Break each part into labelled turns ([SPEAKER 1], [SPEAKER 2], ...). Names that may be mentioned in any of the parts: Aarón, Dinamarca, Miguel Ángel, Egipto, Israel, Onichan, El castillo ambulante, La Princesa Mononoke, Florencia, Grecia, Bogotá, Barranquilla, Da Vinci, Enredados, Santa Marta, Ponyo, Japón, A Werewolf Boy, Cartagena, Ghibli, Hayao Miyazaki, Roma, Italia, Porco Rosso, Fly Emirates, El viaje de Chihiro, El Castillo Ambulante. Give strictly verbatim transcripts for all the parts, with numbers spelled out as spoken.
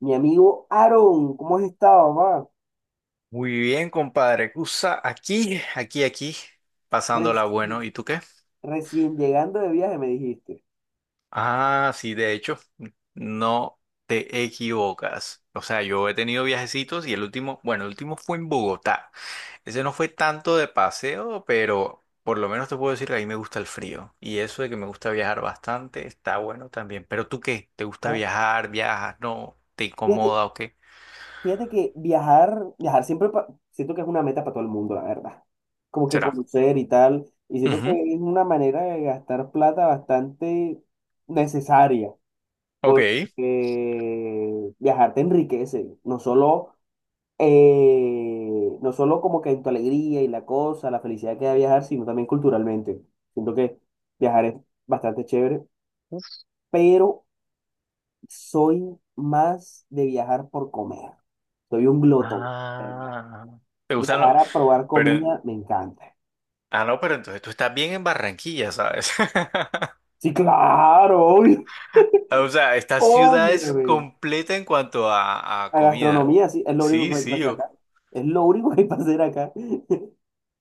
[SPEAKER 1] Mi amigo Aaron, ¿cómo has estado, mamá?
[SPEAKER 2] Muy bien, compadre. Cusa, aquí, aquí, aquí, pasándola bueno.
[SPEAKER 1] Recién,
[SPEAKER 2] ¿Y tú qué?
[SPEAKER 1] recién llegando de viaje, me dijiste.
[SPEAKER 2] Ah, sí, de hecho, no te equivocas. O sea, yo he tenido viajecitos y el último, bueno, el último fue en Bogotá. Ese no fue tanto de paseo, pero por lo menos te puedo decir que a mí me gusta el frío. Y eso de que me gusta viajar bastante está bueno también. Pero ¿tú qué? ¿Te gusta
[SPEAKER 1] Ah,
[SPEAKER 2] viajar? ¿Viajas? ¿No? ¿Te
[SPEAKER 1] Fíjate,
[SPEAKER 2] incomoda o qué?
[SPEAKER 1] fíjate que viajar, viajar siempre pa- siento que es una meta para todo el mundo, la verdad. Como que
[SPEAKER 2] ¿Será?
[SPEAKER 1] conocer y tal. Y siento que
[SPEAKER 2] Ujú.
[SPEAKER 1] es una manera de gastar plata bastante necesaria,
[SPEAKER 2] Ok.
[SPEAKER 1] porque viajar te enriquece, no solo eh, no solo como que en tu alegría y la cosa, la felicidad que da viajar, sino también culturalmente. Siento que viajar es bastante chévere, pero soy más de viajar por comer. Soy un glotón, ¿verdad?
[SPEAKER 2] Ah, ¿te gustan los...?
[SPEAKER 1] Viajar a probar
[SPEAKER 2] Pero,
[SPEAKER 1] comida me encanta.
[SPEAKER 2] ah, no, pero entonces tú estás bien en Barranquilla, ¿sabes?
[SPEAKER 1] Sí, claro, obvio,
[SPEAKER 2] O sea, esta ciudad es
[SPEAKER 1] obviamente.
[SPEAKER 2] completa en cuanto a, a
[SPEAKER 1] La
[SPEAKER 2] comida.
[SPEAKER 1] gastronomía, sí, es lo único
[SPEAKER 2] Sí,
[SPEAKER 1] que hay que
[SPEAKER 2] sí.
[SPEAKER 1] hacer
[SPEAKER 2] yo-
[SPEAKER 1] acá. Es lo único que hay que hacer acá.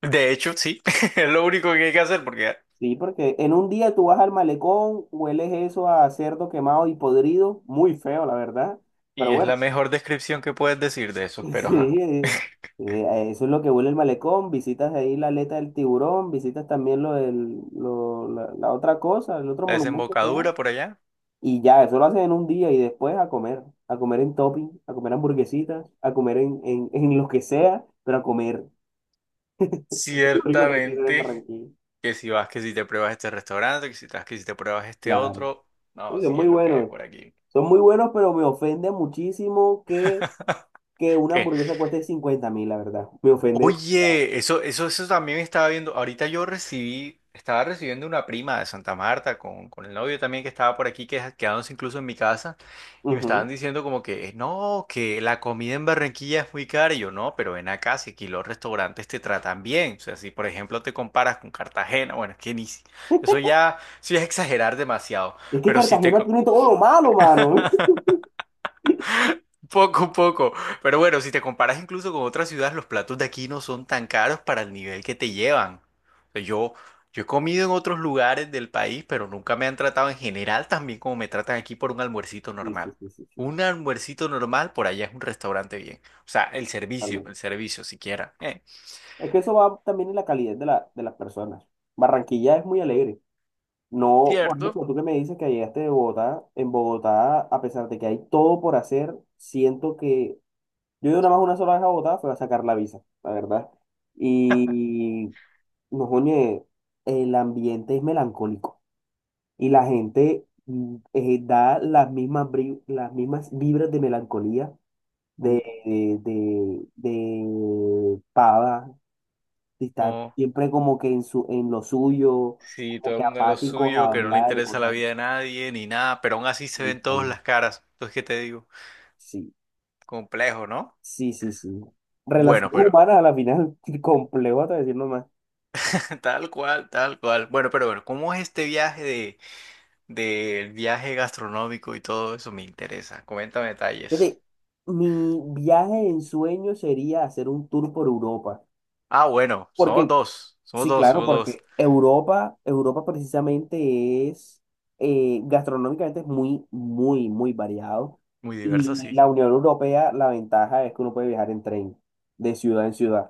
[SPEAKER 2] De hecho, sí. Es lo único que hay que hacer porque...
[SPEAKER 1] Sí, porque en un día tú vas al malecón, hueles eso a cerdo quemado y podrido, muy feo, la verdad. Pero
[SPEAKER 2] Y es la
[SPEAKER 1] bueno,
[SPEAKER 2] mejor descripción que puedes decir de eso, pero
[SPEAKER 1] sí,
[SPEAKER 2] ajá.
[SPEAKER 1] eh, eh, eso es lo que huele el malecón. Visitas ahí la aleta del tiburón, visitas también lo del, lo- la, la otra cosa, el otro
[SPEAKER 2] La
[SPEAKER 1] monumento que hay.
[SPEAKER 2] desembocadura por allá.
[SPEAKER 1] Y ya, eso lo haces en un día y después a comer, a comer en topping, a comer hamburguesitas, a comer en, en, en lo que sea, pero a comer. Lo rico que hay que hacer en
[SPEAKER 2] Ciertamente
[SPEAKER 1] Barranquilla.
[SPEAKER 2] que si vas, que si te pruebas este restaurante, que si te vas, que si te pruebas este
[SPEAKER 1] Claro.
[SPEAKER 2] otro. No,
[SPEAKER 1] Uy, son
[SPEAKER 2] sí
[SPEAKER 1] muy
[SPEAKER 2] es lo que hay
[SPEAKER 1] buenos.
[SPEAKER 2] por aquí.
[SPEAKER 1] Son muy buenos, pero me ofende muchísimo que, que una hamburguesa cueste cincuenta mil, la verdad. Me ofende demasiado.
[SPEAKER 2] Oye, eso, eso, eso también estaba viendo. Ahorita yo recibí, estaba recibiendo una prima de Santa Marta con, con el novio también que estaba por aquí, que quedándose incluso en mi casa, y me estaban
[SPEAKER 1] Ujú.
[SPEAKER 2] diciendo como que no, que la comida en Barranquilla es muy cara. Y yo, no, pero ven acá, si aquí los restaurantes te tratan bien. O sea, si por ejemplo te comparas con Cartagena, bueno, es que ni, si- eso ya, eso ya es exagerar demasiado.
[SPEAKER 1] Es que
[SPEAKER 2] Pero si te,
[SPEAKER 1] Cartagena tiene todo lo malo, mano.
[SPEAKER 2] poco, poco. Pero bueno, si te comparas incluso con otras ciudades, los platos de aquí no son tan caros para el nivel que te llevan. O sea, yo, yo he comido en otros lugares del país, pero nunca me han tratado en general tan bien como me tratan aquí por un almuercito
[SPEAKER 1] Sí, sí,
[SPEAKER 2] normal.
[SPEAKER 1] sí, sí, sí,
[SPEAKER 2] Un almuercito normal por allá es un restaurante bien. O sea, el servicio,
[SPEAKER 1] totalmente.
[SPEAKER 2] el servicio siquiera. Eh,
[SPEAKER 1] Es que eso va también en la calidad de, la, de las personas. Barranquilla es muy alegre. No, por
[SPEAKER 2] ¿cierto?
[SPEAKER 1] ejemplo, tú que me dices que llegaste de Bogotá, en Bogotá, a pesar de que hay todo por hacer, siento que yo he ido nada más una sola vez a Bogotá, fue a sacar la visa, la verdad. Y no, oye, el ambiente es melancólico y la gente mm, eh, da las mismas, bri- las mismas vibras de melancolía de,
[SPEAKER 2] Uf.
[SPEAKER 1] de, de, de Pava. Y está
[SPEAKER 2] Oh,
[SPEAKER 1] siempre como que en, su, en lo suyo,
[SPEAKER 2] sí,
[SPEAKER 1] como
[SPEAKER 2] todo el
[SPEAKER 1] que
[SPEAKER 2] mundo en lo
[SPEAKER 1] apáticos a
[SPEAKER 2] suyo, que no le
[SPEAKER 1] hablar,
[SPEAKER 2] interesa la
[SPEAKER 1] cosas
[SPEAKER 2] vida de nadie ni nada, pero aún así se ven todas
[SPEAKER 1] así.
[SPEAKER 2] las caras. Entonces, ¿qué te digo?
[SPEAKER 1] Sí,
[SPEAKER 2] Complejo, ¿no?
[SPEAKER 1] sí, sí, sí.
[SPEAKER 2] Bueno,
[SPEAKER 1] Relaciones
[SPEAKER 2] pero...
[SPEAKER 1] humanas a la final, complejo hasta decir nomás.
[SPEAKER 2] Tal cual, tal cual. Bueno, pero bueno, ¿cómo es este viaje de del viaje gastronómico y todo eso? Me interesa. Coméntame detalles.
[SPEAKER 1] Fíjate, mi viaje en sueño sería hacer un tour por Europa.
[SPEAKER 2] Ah, bueno, somos
[SPEAKER 1] Porque
[SPEAKER 2] dos, somos
[SPEAKER 1] Sí,
[SPEAKER 2] dos,
[SPEAKER 1] claro,
[SPEAKER 2] somos dos.
[SPEAKER 1] porque Europa, Europa precisamente es, eh, gastronómicamente es muy, muy, muy variado.
[SPEAKER 2] Muy diverso,
[SPEAKER 1] Y
[SPEAKER 2] sí.
[SPEAKER 1] la Unión Europea, la ventaja es que uno puede viajar en tren, de ciudad en ciudad.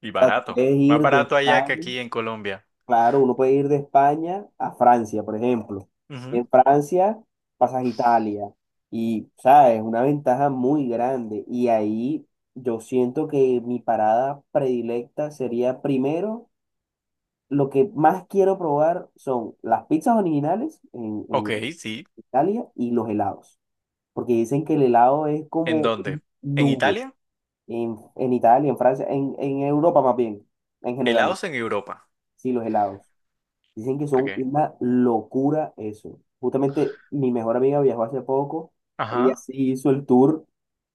[SPEAKER 2] Y
[SPEAKER 1] O sea, tú
[SPEAKER 2] barato.
[SPEAKER 1] puedes
[SPEAKER 2] Más
[SPEAKER 1] ir de
[SPEAKER 2] barato allá que
[SPEAKER 1] España,
[SPEAKER 2] aquí en Colombia.
[SPEAKER 1] claro, uno puede ir de España a Francia, por ejemplo.
[SPEAKER 2] Ujú.
[SPEAKER 1] En Francia pasas a Italia. Y, sabes, es una ventaja muy grande. Y ahí yo siento que mi parada predilecta sería primero lo que más quiero probar son las pizzas originales en,
[SPEAKER 2] Ok,
[SPEAKER 1] en
[SPEAKER 2] sí.
[SPEAKER 1] Italia y los helados, porque dicen que el helado es
[SPEAKER 2] ¿En
[SPEAKER 1] como
[SPEAKER 2] dónde?
[SPEAKER 1] un
[SPEAKER 2] ¿En
[SPEAKER 1] nube
[SPEAKER 2] Italia?
[SPEAKER 1] en, en Italia, en Francia, en, en Europa más bien, en general,
[SPEAKER 2] Helados en Europa.
[SPEAKER 1] sí, los helados. Dicen que
[SPEAKER 2] ¿Por
[SPEAKER 1] son
[SPEAKER 2] qué?
[SPEAKER 1] una locura eso. Justamente mi mejor amiga viajó hace poco, ella
[SPEAKER 2] Ajá.
[SPEAKER 1] sí hizo el tour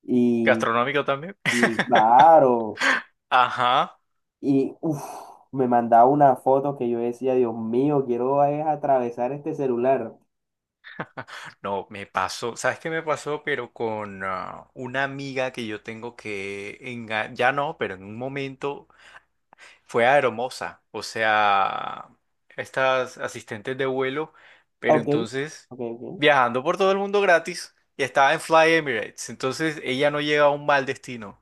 [SPEAKER 1] y,
[SPEAKER 2] Gastronómico también.
[SPEAKER 1] y claro,
[SPEAKER 2] Ajá.
[SPEAKER 1] y uf, me mandaba una foto que yo decía, Dios mío, quiero es atravesar este celular.
[SPEAKER 2] No, me pasó, ¿sabes qué me pasó? Pero con ah, una amiga que yo tengo que, enga- ya no, pero en un momento fue aeromoza, o sea, estas asistentes de vuelo, pero
[SPEAKER 1] Ok,
[SPEAKER 2] entonces
[SPEAKER 1] ok, ok.
[SPEAKER 2] viajando por todo el mundo gratis y estaba en Fly Emirates, entonces ella no llega a un mal destino.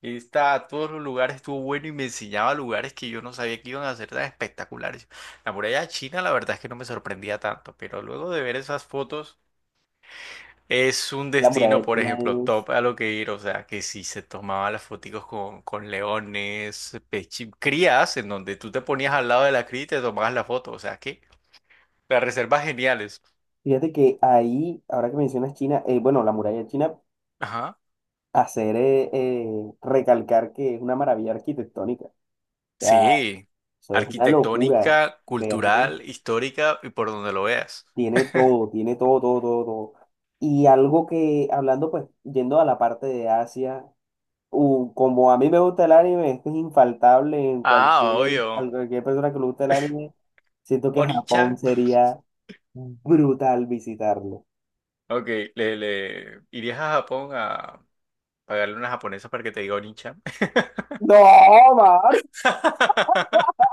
[SPEAKER 2] Y está a todos los lugares, estuvo bueno y me enseñaba lugares que yo no sabía que iban a ser tan espectaculares. La muralla china, la verdad es que no me sorprendía tanto, pero luego de ver esas fotos... Es un
[SPEAKER 1] La
[SPEAKER 2] destino,
[SPEAKER 1] muralla
[SPEAKER 2] por
[SPEAKER 1] china
[SPEAKER 2] ejemplo,
[SPEAKER 1] es...
[SPEAKER 2] top a lo que ir, o sea, que si se tomaban las foticos con, con leones, pechi- crías, en donde tú te ponías al lado de la cría y te tomabas la foto, o sea, que las reservas geniales.
[SPEAKER 1] Fíjate que ahí, ahora que mencionas China, eh, bueno, la muralla china,
[SPEAKER 2] Ajá.
[SPEAKER 1] hacer eh, eh, recalcar que es una maravilla arquitectónica. O sea,
[SPEAKER 2] Sí,
[SPEAKER 1] eso es una locura
[SPEAKER 2] arquitectónica,
[SPEAKER 1] verlo.
[SPEAKER 2] cultural, histórica y por donde lo veas.
[SPEAKER 1] Tiene todo, tiene todo, todo, todo, todo. Y algo que, hablando pues, yendo a la parte de Asia, u- como a mí me gusta el anime, esto es infaltable en
[SPEAKER 2] Ah,
[SPEAKER 1] cualquier, a
[SPEAKER 2] obvio.
[SPEAKER 1] cualquier persona que le guste el anime, siento que Japón
[SPEAKER 2] Onichan.
[SPEAKER 1] sería brutal visitarlo.
[SPEAKER 2] Ok, le, le irías a Japón a pagarle a una japonesa para que te diga Onichan.
[SPEAKER 1] No, Mar.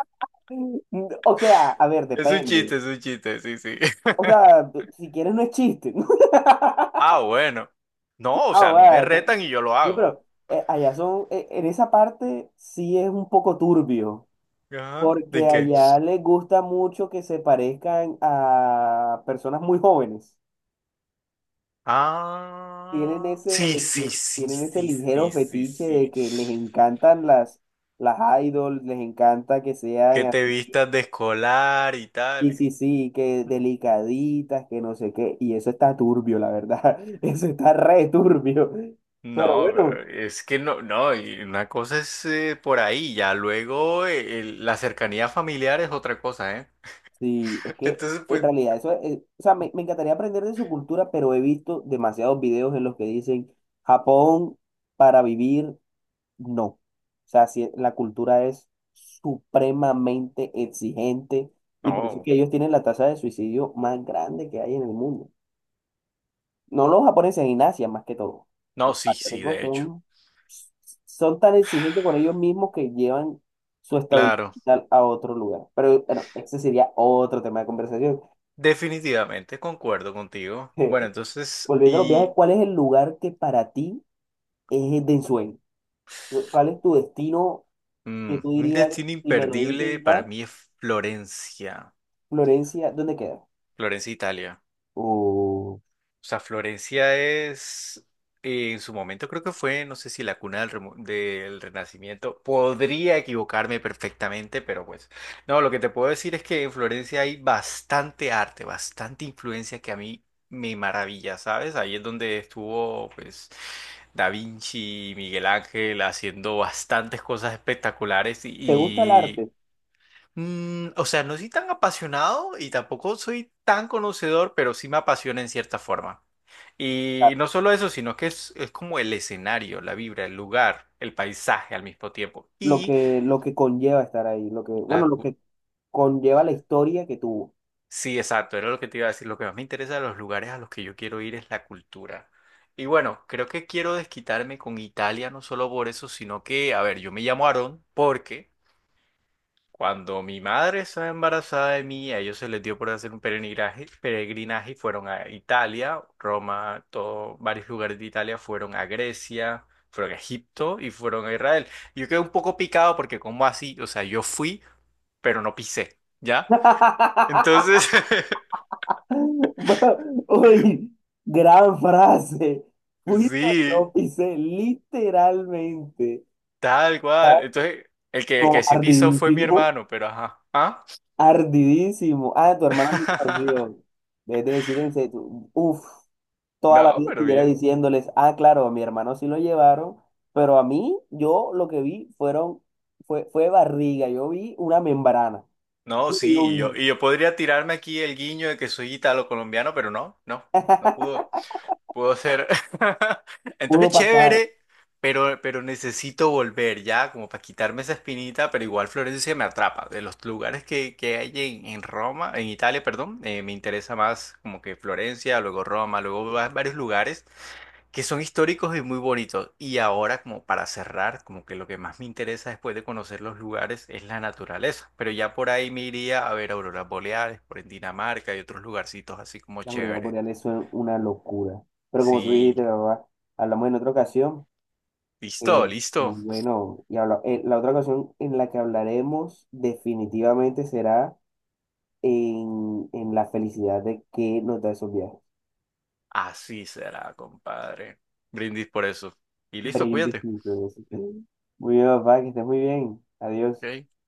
[SPEAKER 1] O sea, a ver,
[SPEAKER 2] Es un
[SPEAKER 1] depende.
[SPEAKER 2] chiste, es un chiste, sí, sí.
[SPEAKER 1] O sea, si quieres no es chiste.
[SPEAKER 2] Ah, bueno. No, o
[SPEAKER 1] Ah,
[SPEAKER 2] sea, a mí me
[SPEAKER 1] bueno.
[SPEAKER 2] retan y yo lo
[SPEAKER 1] No,
[SPEAKER 2] hago.
[SPEAKER 1] pero eh, allá son, eh, en esa parte sí es un poco turbio,
[SPEAKER 2] Ajá. ¿De
[SPEAKER 1] porque
[SPEAKER 2] qué?
[SPEAKER 1] allá les gusta mucho que se parezcan a personas muy jóvenes. Tienen
[SPEAKER 2] Ah, sí,
[SPEAKER 1] ese,
[SPEAKER 2] sí,
[SPEAKER 1] ti-
[SPEAKER 2] sí,
[SPEAKER 1] tienen ese
[SPEAKER 2] sí,
[SPEAKER 1] ligero
[SPEAKER 2] sí, sí,
[SPEAKER 1] fetiche de
[SPEAKER 2] sí.
[SPEAKER 1] que les encantan las, las, idols, les encanta que
[SPEAKER 2] Que
[SPEAKER 1] sean
[SPEAKER 2] te
[SPEAKER 1] así.
[SPEAKER 2] vistas de escolar y
[SPEAKER 1] Sí,
[SPEAKER 2] tal.
[SPEAKER 1] sí, sí, que delicaditas, que no sé qué, y eso está turbio, la verdad, eso está re turbio, pero
[SPEAKER 2] No,
[SPEAKER 1] bueno,
[SPEAKER 2] pero es que no, no, y una cosa es eh, por ahí, ya luego eh, el- la cercanía familiar es otra cosa, ¿eh?
[SPEAKER 1] sí, es que
[SPEAKER 2] Entonces,
[SPEAKER 1] en
[SPEAKER 2] pues,
[SPEAKER 1] realidad eso es, eh, o sea, me, me encantaría aprender de su cultura, pero he visto demasiados videos en los que dicen, Japón para vivir, no, o sea, si la cultura es supremamente exigente, y por eso es
[SPEAKER 2] no,
[SPEAKER 1] que ellos tienen la tasa de suicidio más grande que hay en el mundo. No los japoneses, en Asia más que todo.
[SPEAKER 2] no,
[SPEAKER 1] Los
[SPEAKER 2] sí, sí,
[SPEAKER 1] asiáticos
[SPEAKER 2] de hecho,
[SPEAKER 1] son, son tan exigentes con ellos mismos que llevan su estabilidad
[SPEAKER 2] claro,
[SPEAKER 1] a otro lugar. Pero bueno, ese sería otro tema de conversación.
[SPEAKER 2] definitivamente concuerdo contigo. Bueno, entonces,
[SPEAKER 1] Volviendo a los viajes,
[SPEAKER 2] y
[SPEAKER 1] ¿cuál es el lugar que para ti es de ensueño? ¿Cuál es tu destino que
[SPEAKER 2] mm,
[SPEAKER 1] tú
[SPEAKER 2] un
[SPEAKER 1] dirías,
[SPEAKER 2] destino
[SPEAKER 1] si me lo
[SPEAKER 2] imperdible
[SPEAKER 1] dicen
[SPEAKER 2] para
[SPEAKER 1] ya,
[SPEAKER 2] mí es Florencia,
[SPEAKER 1] Florencia, ¿dónde queda?
[SPEAKER 2] Florencia, Italia.
[SPEAKER 1] O,
[SPEAKER 2] O sea, Florencia es, eh, en su momento creo que fue, no sé si la cuna del, remo- del Renacimiento. Podría equivocarme perfectamente, pero pues, no, lo que te puedo decir es que en Florencia hay bastante arte, bastante influencia que a mí me maravilla, ¿sabes? Ahí es donde estuvo, pues, Da Vinci, Miguel Ángel haciendo bastantes cosas espectaculares
[SPEAKER 1] ¿Te gusta el
[SPEAKER 2] y,
[SPEAKER 1] arte?
[SPEAKER 2] mm, o sea, no soy tan apasionado y tampoco soy tan conocedor, pero sí me apasiona en cierta forma.
[SPEAKER 1] Ah,
[SPEAKER 2] Y no solo eso, sino que es, es como el escenario, la vibra, el lugar, el paisaje al mismo tiempo.
[SPEAKER 1] Lo
[SPEAKER 2] Y
[SPEAKER 1] que, lo que conlleva estar ahí, lo que,
[SPEAKER 2] la...
[SPEAKER 1] bueno, lo
[SPEAKER 2] cu-
[SPEAKER 1] que conlleva la historia que tuvo.
[SPEAKER 2] sí, exacto, era lo que te iba a decir. Lo que más me interesa de los lugares a los que yo quiero ir es la cultura. Y bueno, creo que quiero desquitarme con Italia, no solo por eso, sino que, a ver, yo me llamo Aarón porque... Cuando mi madre estaba embarazada de mí, a ellos se les dio por hacer un peregrinaje, peregrinaje, y fueron a Italia, Roma, todo, varios lugares de Italia, fueron a Grecia, fueron a Egipto y fueron a Israel. Yo quedé un poco picado porque ¿cómo así? O sea, yo fui, pero no pisé, ¿ya? Entonces,
[SPEAKER 1] Va- Uy, gran frase. Fui a
[SPEAKER 2] sí,
[SPEAKER 1] lo literalmente.
[SPEAKER 2] tal cual.
[SPEAKER 1] Está
[SPEAKER 2] Entonces, el que, el
[SPEAKER 1] como
[SPEAKER 2] que sí pisó fue mi
[SPEAKER 1] ardidísimo,
[SPEAKER 2] hermano, pero ajá. ¿Ah?
[SPEAKER 1] ardidísimo. Ah, tu hermano ni campeón. Vez de decir en serio, uff, toda la
[SPEAKER 2] No,
[SPEAKER 1] vida
[SPEAKER 2] pero
[SPEAKER 1] estuviera
[SPEAKER 2] bien.
[SPEAKER 1] diciéndoles, ah, claro, a mi hermano sí lo llevaron, pero a mí, yo lo que vi fueron, fue, fue barriga, yo vi una membrana.
[SPEAKER 2] No,
[SPEAKER 1] Lo que yo
[SPEAKER 2] sí, y yo,
[SPEAKER 1] vi,
[SPEAKER 2] y yo podría tirarme aquí el guiño de que soy italo-colombiano, pero no, no, no pudo. Puedo ser. Entonces,
[SPEAKER 1] pudo pasar.
[SPEAKER 2] chévere, pero, pero necesito volver ya, como para quitarme esa espinita, pero igual Florencia me atrapa. De los lugares que, que hay en, en Roma, en Italia, perdón, eh, me interesa más como que Florencia, luego Roma, luego va- varios lugares que son históricos y muy bonitos. Y ahora, como para cerrar, como que lo que más me interesa después de conocer los lugares es la naturaleza. Pero ya por ahí me iría a ver auroras boreales, por en Dinamarca y otros lugarcitos así como
[SPEAKER 1] Las auroras
[SPEAKER 2] chévere.
[SPEAKER 1] boreales son una locura. Pero como tú
[SPEAKER 2] Sí.
[SPEAKER 1] dijiste, papá, hablamos en otra ocasión.
[SPEAKER 2] Listo,
[SPEAKER 1] eh, muy
[SPEAKER 2] listo.
[SPEAKER 1] bueno. Y habla- eh, la otra ocasión en la que hablaremos definitivamente será en, en la felicidad de que nos da esos viajes.
[SPEAKER 2] Así será, compadre. Brindis por eso. Y listo,
[SPEAKER 1] Brindis,
[SPEAKER 2] cuídate.
[SPEAKER 1] mis Muy bien, papá, que estés muy bien. Adiós.
[SPEAKER 2] Ok.